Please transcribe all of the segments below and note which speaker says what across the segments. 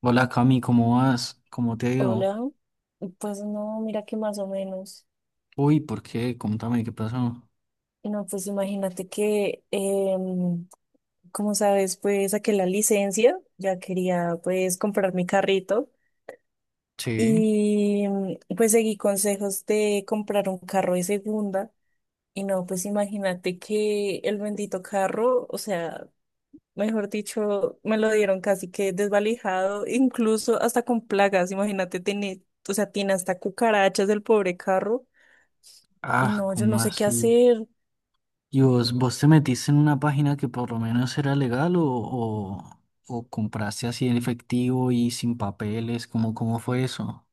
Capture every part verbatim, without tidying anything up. Speaker 1: Hola Cami, ¿cómo vas? ¿Cómo te ha ido?
Speaker 2: Hola, pues no, mira que más o menos.
Speaker 1: Uy, ¿por qué? Contame, ¿qué pasó?
Speaker 2: Y No, pues imagínate que, em, como sabes, pues saqué la licencia, ya quería pues comprar mi carrito
Speaker 1: Sí.
Speaker 2: y mm, pues seguí consejos de comprar un carro de segunda. Y no, pues imagínate que el bendito carro, o sea, mejor dicho, me lo dieron casi que desvalijado, incluso hasta con plagas, imagínate, tiene, o sea, tiene hasta cucarachas del pobre carro.
Speaker 1: Ah,
Speaker 2: No, yo
Speaker 1: ¿cómo
Speaker 2: no sé qué
Speaker 1: así?
Speaker 2: hacer.
Speaker 1: ¿Y vos, vos te metiste en una página que por lo menos era legal o, o, o compraste así en efectivo y sin papeles? ¿Cómo, cómo fue eso?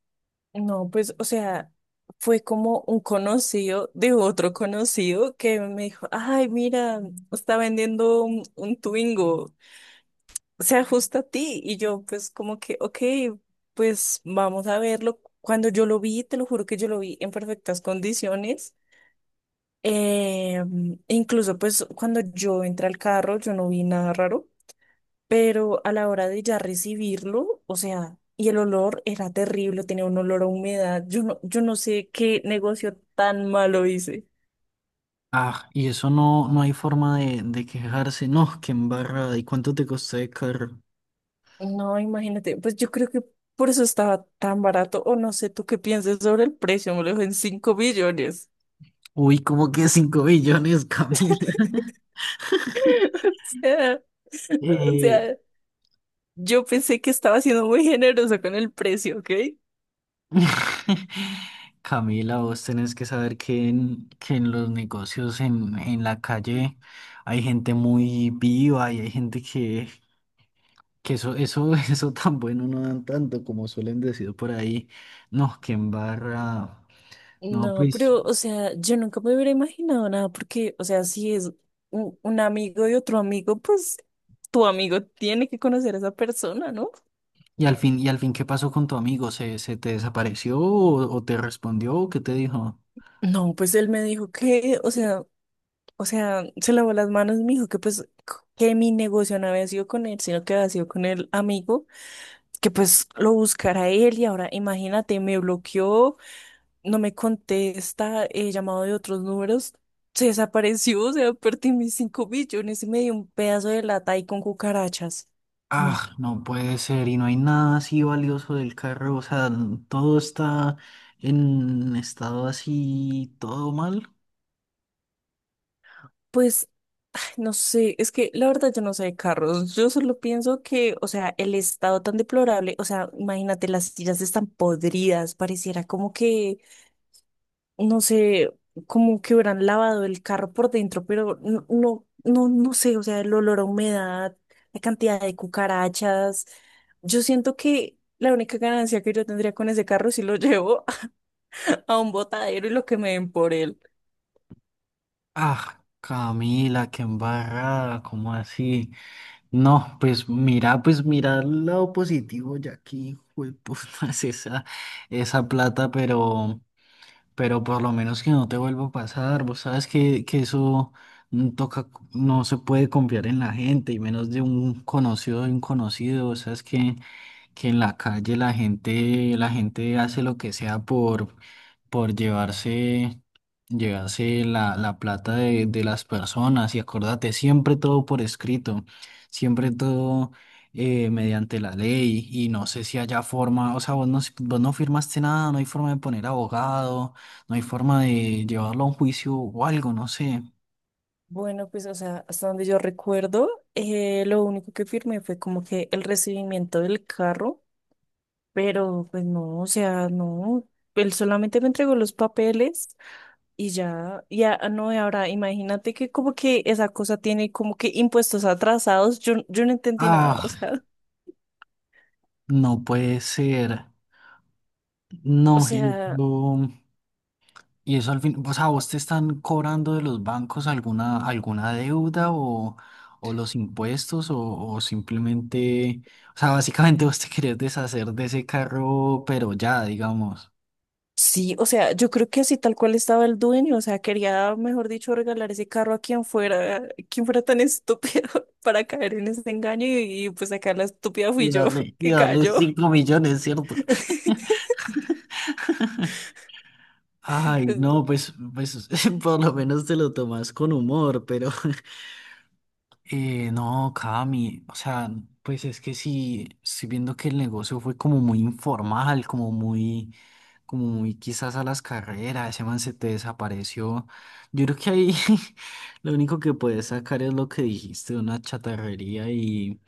Speaker 2: No, pues, o sea, fue como un conocido de otro conocido que me dijo, ay, mira, está vendiendo un, un Twingo, se ajusta a ti. Y yo, pues, como que, ok, pues vamos a verlo. Cuando yo lo vi, te lo juro que yo lo vi en perfectas condiciones. Eh, incluso, pues, cuando yo entré al carro, yo no vi nada raro. Pero a la hora de ya recibirlo, o sea, y el olor era terrible, tenía un olor a humedad. Yo no, yo no sé qué negocio tan malo hice.
Speaker 1: Ah, y eso no, no hay forma de, de quejarse. No, qué embarrada. ¿Y cuánto te costó de carro?
Speaker 2: No, imagínate, pues yo creo que por eso estaba tan barato, o no sé tú qué piensas sobre el precio, me lo dejó en cinco billones.
Speaker 1: Uy, como que cinco millones, Camila.
Speaker 2: O
Speaker 1: Eh,
Speaker 2: sea, yo pensé que estaba siendo muy generoso con el precio, ¿ok?
Speaker 1: Camila, vos tenés que saber que en, que en los negocios en, en la calle hay gente muy viva y hay gente que, que eso, eso, eso tan bueno no dan tanto como suelen decir por ahí. No, que embarra. No,
Speaker 2: No,
Speaker 1: pues,
Speaker 2: pero, o sea, yo nunca me hubiera imaginado nada, porque, o sea, si es un, un amigo de otro amigo, pues tu amigo tiene que conocer a esa persona, ¿no?
Speaker 1: y al fin, y al fin, ¿qué pasó con tu amigo? ¿Se, se te desapareció o, o te respondió o qué te dijo?
Speaker 2: No, pues él me dijo que, o sea, O sea, se lavó las manos, y me dijo que pues c- que mi negocio no había sido con él, sino que había sido con el amigo, que pues lo buscara él y ahora imagínate, me bloqueó, no me contesta, he llamado de otros números, se desapareció, o sea, perdí mis cinco millones y me dio un pedazo de lata ahí con cucarachas. Mm.
Speaker 1: Ah, no puede ser, y no hay nada así valioso del carro, o sea, n- todo está en estado así, todo mal.
Speaker 2: Pues no sé, es que la verdad yo no sé de carros. Yo solo pienso que, o sea, el estado tan deplorable, o sea, imagínate, las sillas están podridas, pareciera como que, no sé, como que hubieran lavado el carro por dentro, pero no, no, no, no sé, o sea, el olor a humedad, la cantidad de cucarachas. Yo siento que la única ganancia que yo tendría con ese carro si lo llevo a un botadero y lo que me den por él.
Speaker 1: Ah, Camila, qué embarrada, ¿cómo así? No, pues mira, pues mira el lado positivo, ya aquí puta es esa, esa plata, pero, pero por lo menos que no te vuelva a pasar, vos sabes que, que eso mm, toca, no se puede confiar en la gente, y menos de un conocido de un conocido, o sea, es que. Que en la calle la gente, la gente hace lo que sea por, por llevarse, llevarse la, la plata de, de las personas. Y acordate, siempre todo por escrito, siempre todo eh, mediante la ley. Y no sé si haya forma, o sea, vos no, vos no firmaste nada, no hay forma de poner abogado, no hay forma de llevarlo a un juicio o algo, no sé.
Speaker 2: Bueno, pues, o sea, hasta donde yo recuerdo, eh, lo único que firmé fue como que el recibimiento del carro, pero pues no, o sea, no, él solamente me entregó los papeles y ya, ya, no, y ahora imagínate que como que esa cosa tiene como que impuestos atrasados, yo, yo no entendí nada, o
Speaker 1: Ah,
Speaker 2: sea.
Speaker 1: no puede ser.
Speaker 2: O
Speaker 1: No, y
Speaker 2: sea,
Speaker 1: esto. Y eso al fin, o sea, ¿vos te están cobrando de los bancos alguna, alguna deuda o, o los impuestos o, o simplemente, o sea, básicamente vos te querés deshacer de ese carro, pero ya, digamos,
Speaker 2: sí, o sea, yo creo que así tal cual estaba el dueño, o sea, quería, mejor dicho, regalar ese carro a quien fuera, quien fuera tan estúpido para caer en ese engaño y, y, pues acá la estúpida fui
Speaker 1: y
Speaker 2: yo
Speaker 1: darle, y
Speaker 2: que
Speaker 1: darle
Speaker 2: cayó.
Speaker 1: cinco millones, ¿cierto? Ay,
Speaker 2: Pues,
Speaker 1: no, pues, pues por lo menos te lo tomas con humor, pero eh, no, Cami, o sea, pues es que sí, estoy viendo que el negocio fue como muy informal, como muy... como muy quizás a las carreras, ese man se te desapareció. Yo creo que ahí lo único que puedes sacar es lo que dijiste, una chatarrería y,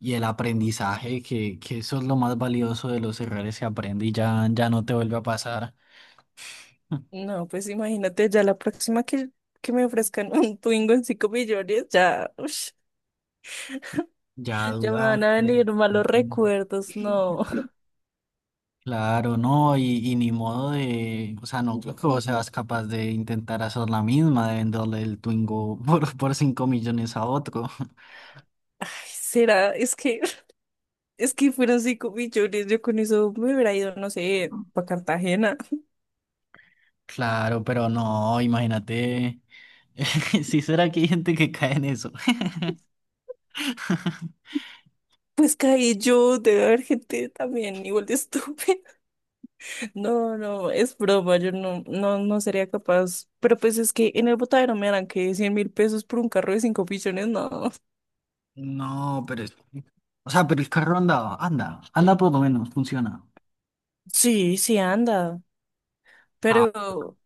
Speaker 1: y el aprendizaje, que, que eso es lo más valioso de los errores que aprende y ya, ya no te vuelve a pasar,
Speaker 2: no, pues imagínate, ya la próxima que, que me ofrezcan un Twingo en cinco millones, ya, ush,
Speaker 1: ya
Speaker 2: ya me van
Speaker 1: duda.
Speaker 2: a
Speaker 1: Bueno,
Speaker 2: venir malos
Speaker 1: ujú.
Speaker 2: recuerdos, no.
Speaker 1: Claro, no, y, y ni modo de, o sea, no creo que vos seas capaz de intentar hacer la misma, de venderle el Twingo por, por cinco millones a otro.
Speaker 2: Ay, será, es que, es que fueron cinco millones, yo con eso me hubiera ido, no sé, para Cartagena.
Speaker 1: Claro, pero no, imagínate. Si será que hay gente que cae en eso.
Speaker 2: Pues caí yo de ver gente también igual de estúpida. No, no, es broma, yo no, no, no sería capaz. Pero pues es que en el botadero me harán que cien mil pesos por un carro de cinco pichones, no.
Speaker 1: No, pero es... O sea, pero el carro andaba, anda, anda por lo menos, funciona.
Speaker 2: Sí, sí anda.
Speaker 1: Ah,
Speaker 2: Pero,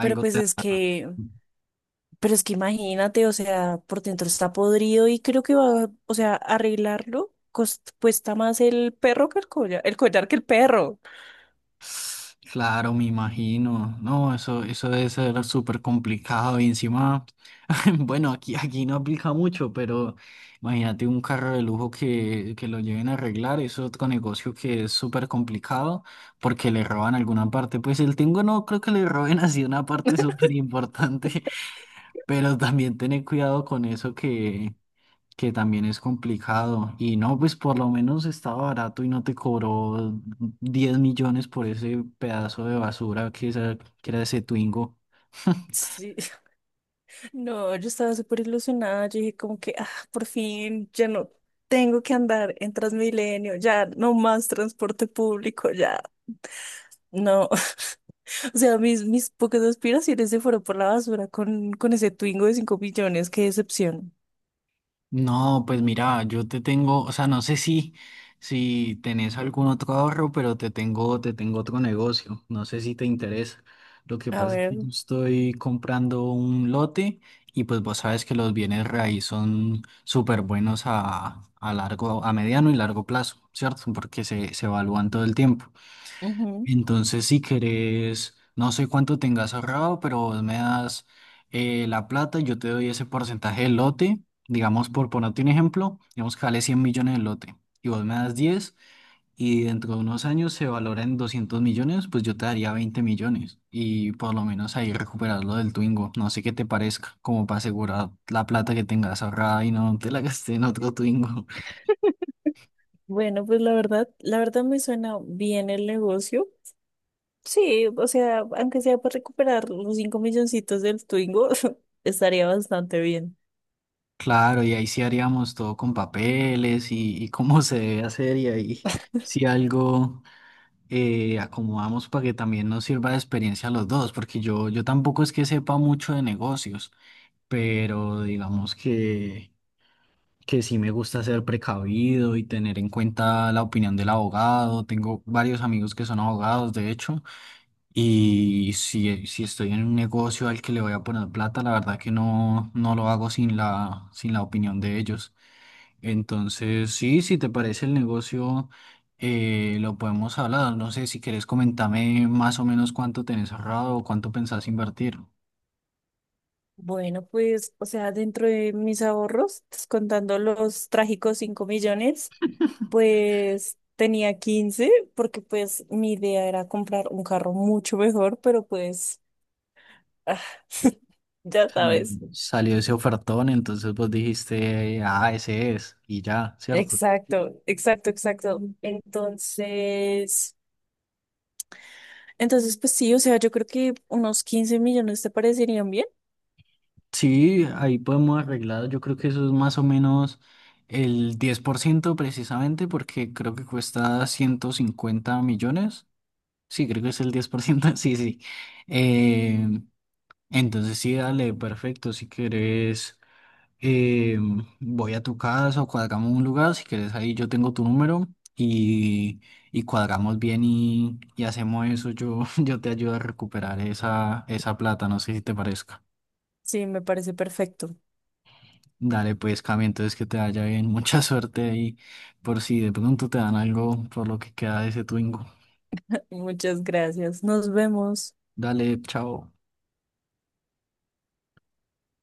Speaker 2: pero pues
Speaker 1: te...
Speaker 2: es que Pero es que imagínate, o sea, por dentro está podrido y creo que va, o sea, arreglarlo cos- cuesta más el perro que el collar, el collar que el perro.
Speaker 1: Claro, me imagino. No, eso, eso debe ser súper complicado. Y encima, bueno, aquí, aquí no aplica mucho, pero imagínate un carro de lujo que, que lo lleven a arreglar. Eso es otro negocio que es súper complicado porque le roban alguna parte. Pues el tengo no creo que le roben así una parte súper importante. Pero también tener cuidado con eso que, que también es complicado. Y no, pues por lo menos estaba barato y no te cobró diez millones por ese pedazo de basura que, esa- que era ese Twingo.
Speaker 2: Sí. No, yo estaba súper ilusionada. Yo dije como que, ah, por fin, ya no tengo que andar en Transmilenio, ya no más transporte público, ya no. O sea, mis, mis pocas aspiraciones se fueron por la basura con, con ese Twingo de cinco millones, qué decepción.
Speaker 1: No, pues mira, yo te tengo, o sea, no sé si, si tenés algún otro ahorro, pero te tengo, te tengo otro negocio. No sé si te interesa. Lo que
Speaker 2: A
Speaker 1: pasa es
Speaker 2: ver.
Speaker 1: que yo estoy comprando un lote y pues vos sabes que los bienes raíz son súper buenos a, a largo, a mediano y largo plazo, ¿cierto? Porque se, se evalúan todo el tiempo.
Speaker 2: Ujú.
Speaker 1: Entonces, si querés, no sé cuánto tengas ahorrado, pero vos me das eh, la plata y yo te doy ese porcentaje del lote. Digamos, por ponerte un ejemplo, digamos que vale cien millones el lote y vos me das diez y dentro de unos años se valora en doscientos millones, pues yo te daría veinte millones y por lo menos ahí recuperas lo del Twingo. No sé qué te parezca, como para asegurar la plata que tengas ahorrada y no te la gasté en otro Twingo.
Speaker 2: Bueno, pues la verdad, la verdad me suena bien el negocio. Sí, o sea, aunque sea para recuperar los cinco milloncitos del Twingo, estaría bastante bien.
Speaker 1: Claro, y ahí sí haríamos todo con papeles y, y cómo se debe hacer y ahí si algo eh, acomodamos para que también nos sirva de experiencia a los dos, porque yo, yo tampoco es que sepa mucho de negocios, pero digamos que, que sí me gusta ser precavido y tener en cuenta la opinión del abogado. Tengo varios amigos que son abogados, de hecho, y si, si estoy en un negocio al que le voy a poner plata, la verdad que no, no lo hago sin la, sin la opinión de ellos. Entonces, sí, si te parece el negocio, eh, lo podemos hablar. No sé si quieres comentarme más o menos cuánto tenés ahorrado o cuánto pensás invertir.
Speaker 2: Bueno, pues, o sea, dentro de mis ahorros, pues, contando los trágicos cinco millones, pues tenía quince, porque pues mi idea era comprar un carro mucho mejor, pero pues ah, ya
Speaker 1: Sal-
Speaker 2: sabes.
Speaker 1: Salió ese ofertón, entonces vos dijiste, ah, ese es, y ya, ¿cierto?
Speaker 2: Exacto, exacto, exacto. Entonces, entonces, pues sí, o sea, yo creo que unos quince millones te parecerían bien.
Speaker 1: Sí, ahí podemos arreglar. Yo creo que eso es más o menos el diez por ciento precisamente porque creo que cuesta ciento cincuenta millones. Sí, creo que es el diez por ciento. Sí, sí. Entonces sí, dale, perfecto. Si quieres, eh, voy a tu casa o cuadramos un lugar. Si quieres, ahí yo tengo tu número y, y cuadramos bien y, y hacemos eso. Yo, yo te ayudo a recuperar esa, esa plata. No sé si te parezca.
Speaker 2: Sí, me parece perfecto.
Speaker 1: Dale, pues, Cami, entonces que te vaya bien. Mucha suerte ahí por si de pronto te dan algo por lo que queda de ese Twingo.
Speaker 2: Muchas gracias. Nos vemos.
Speaker 1: Dale, chao.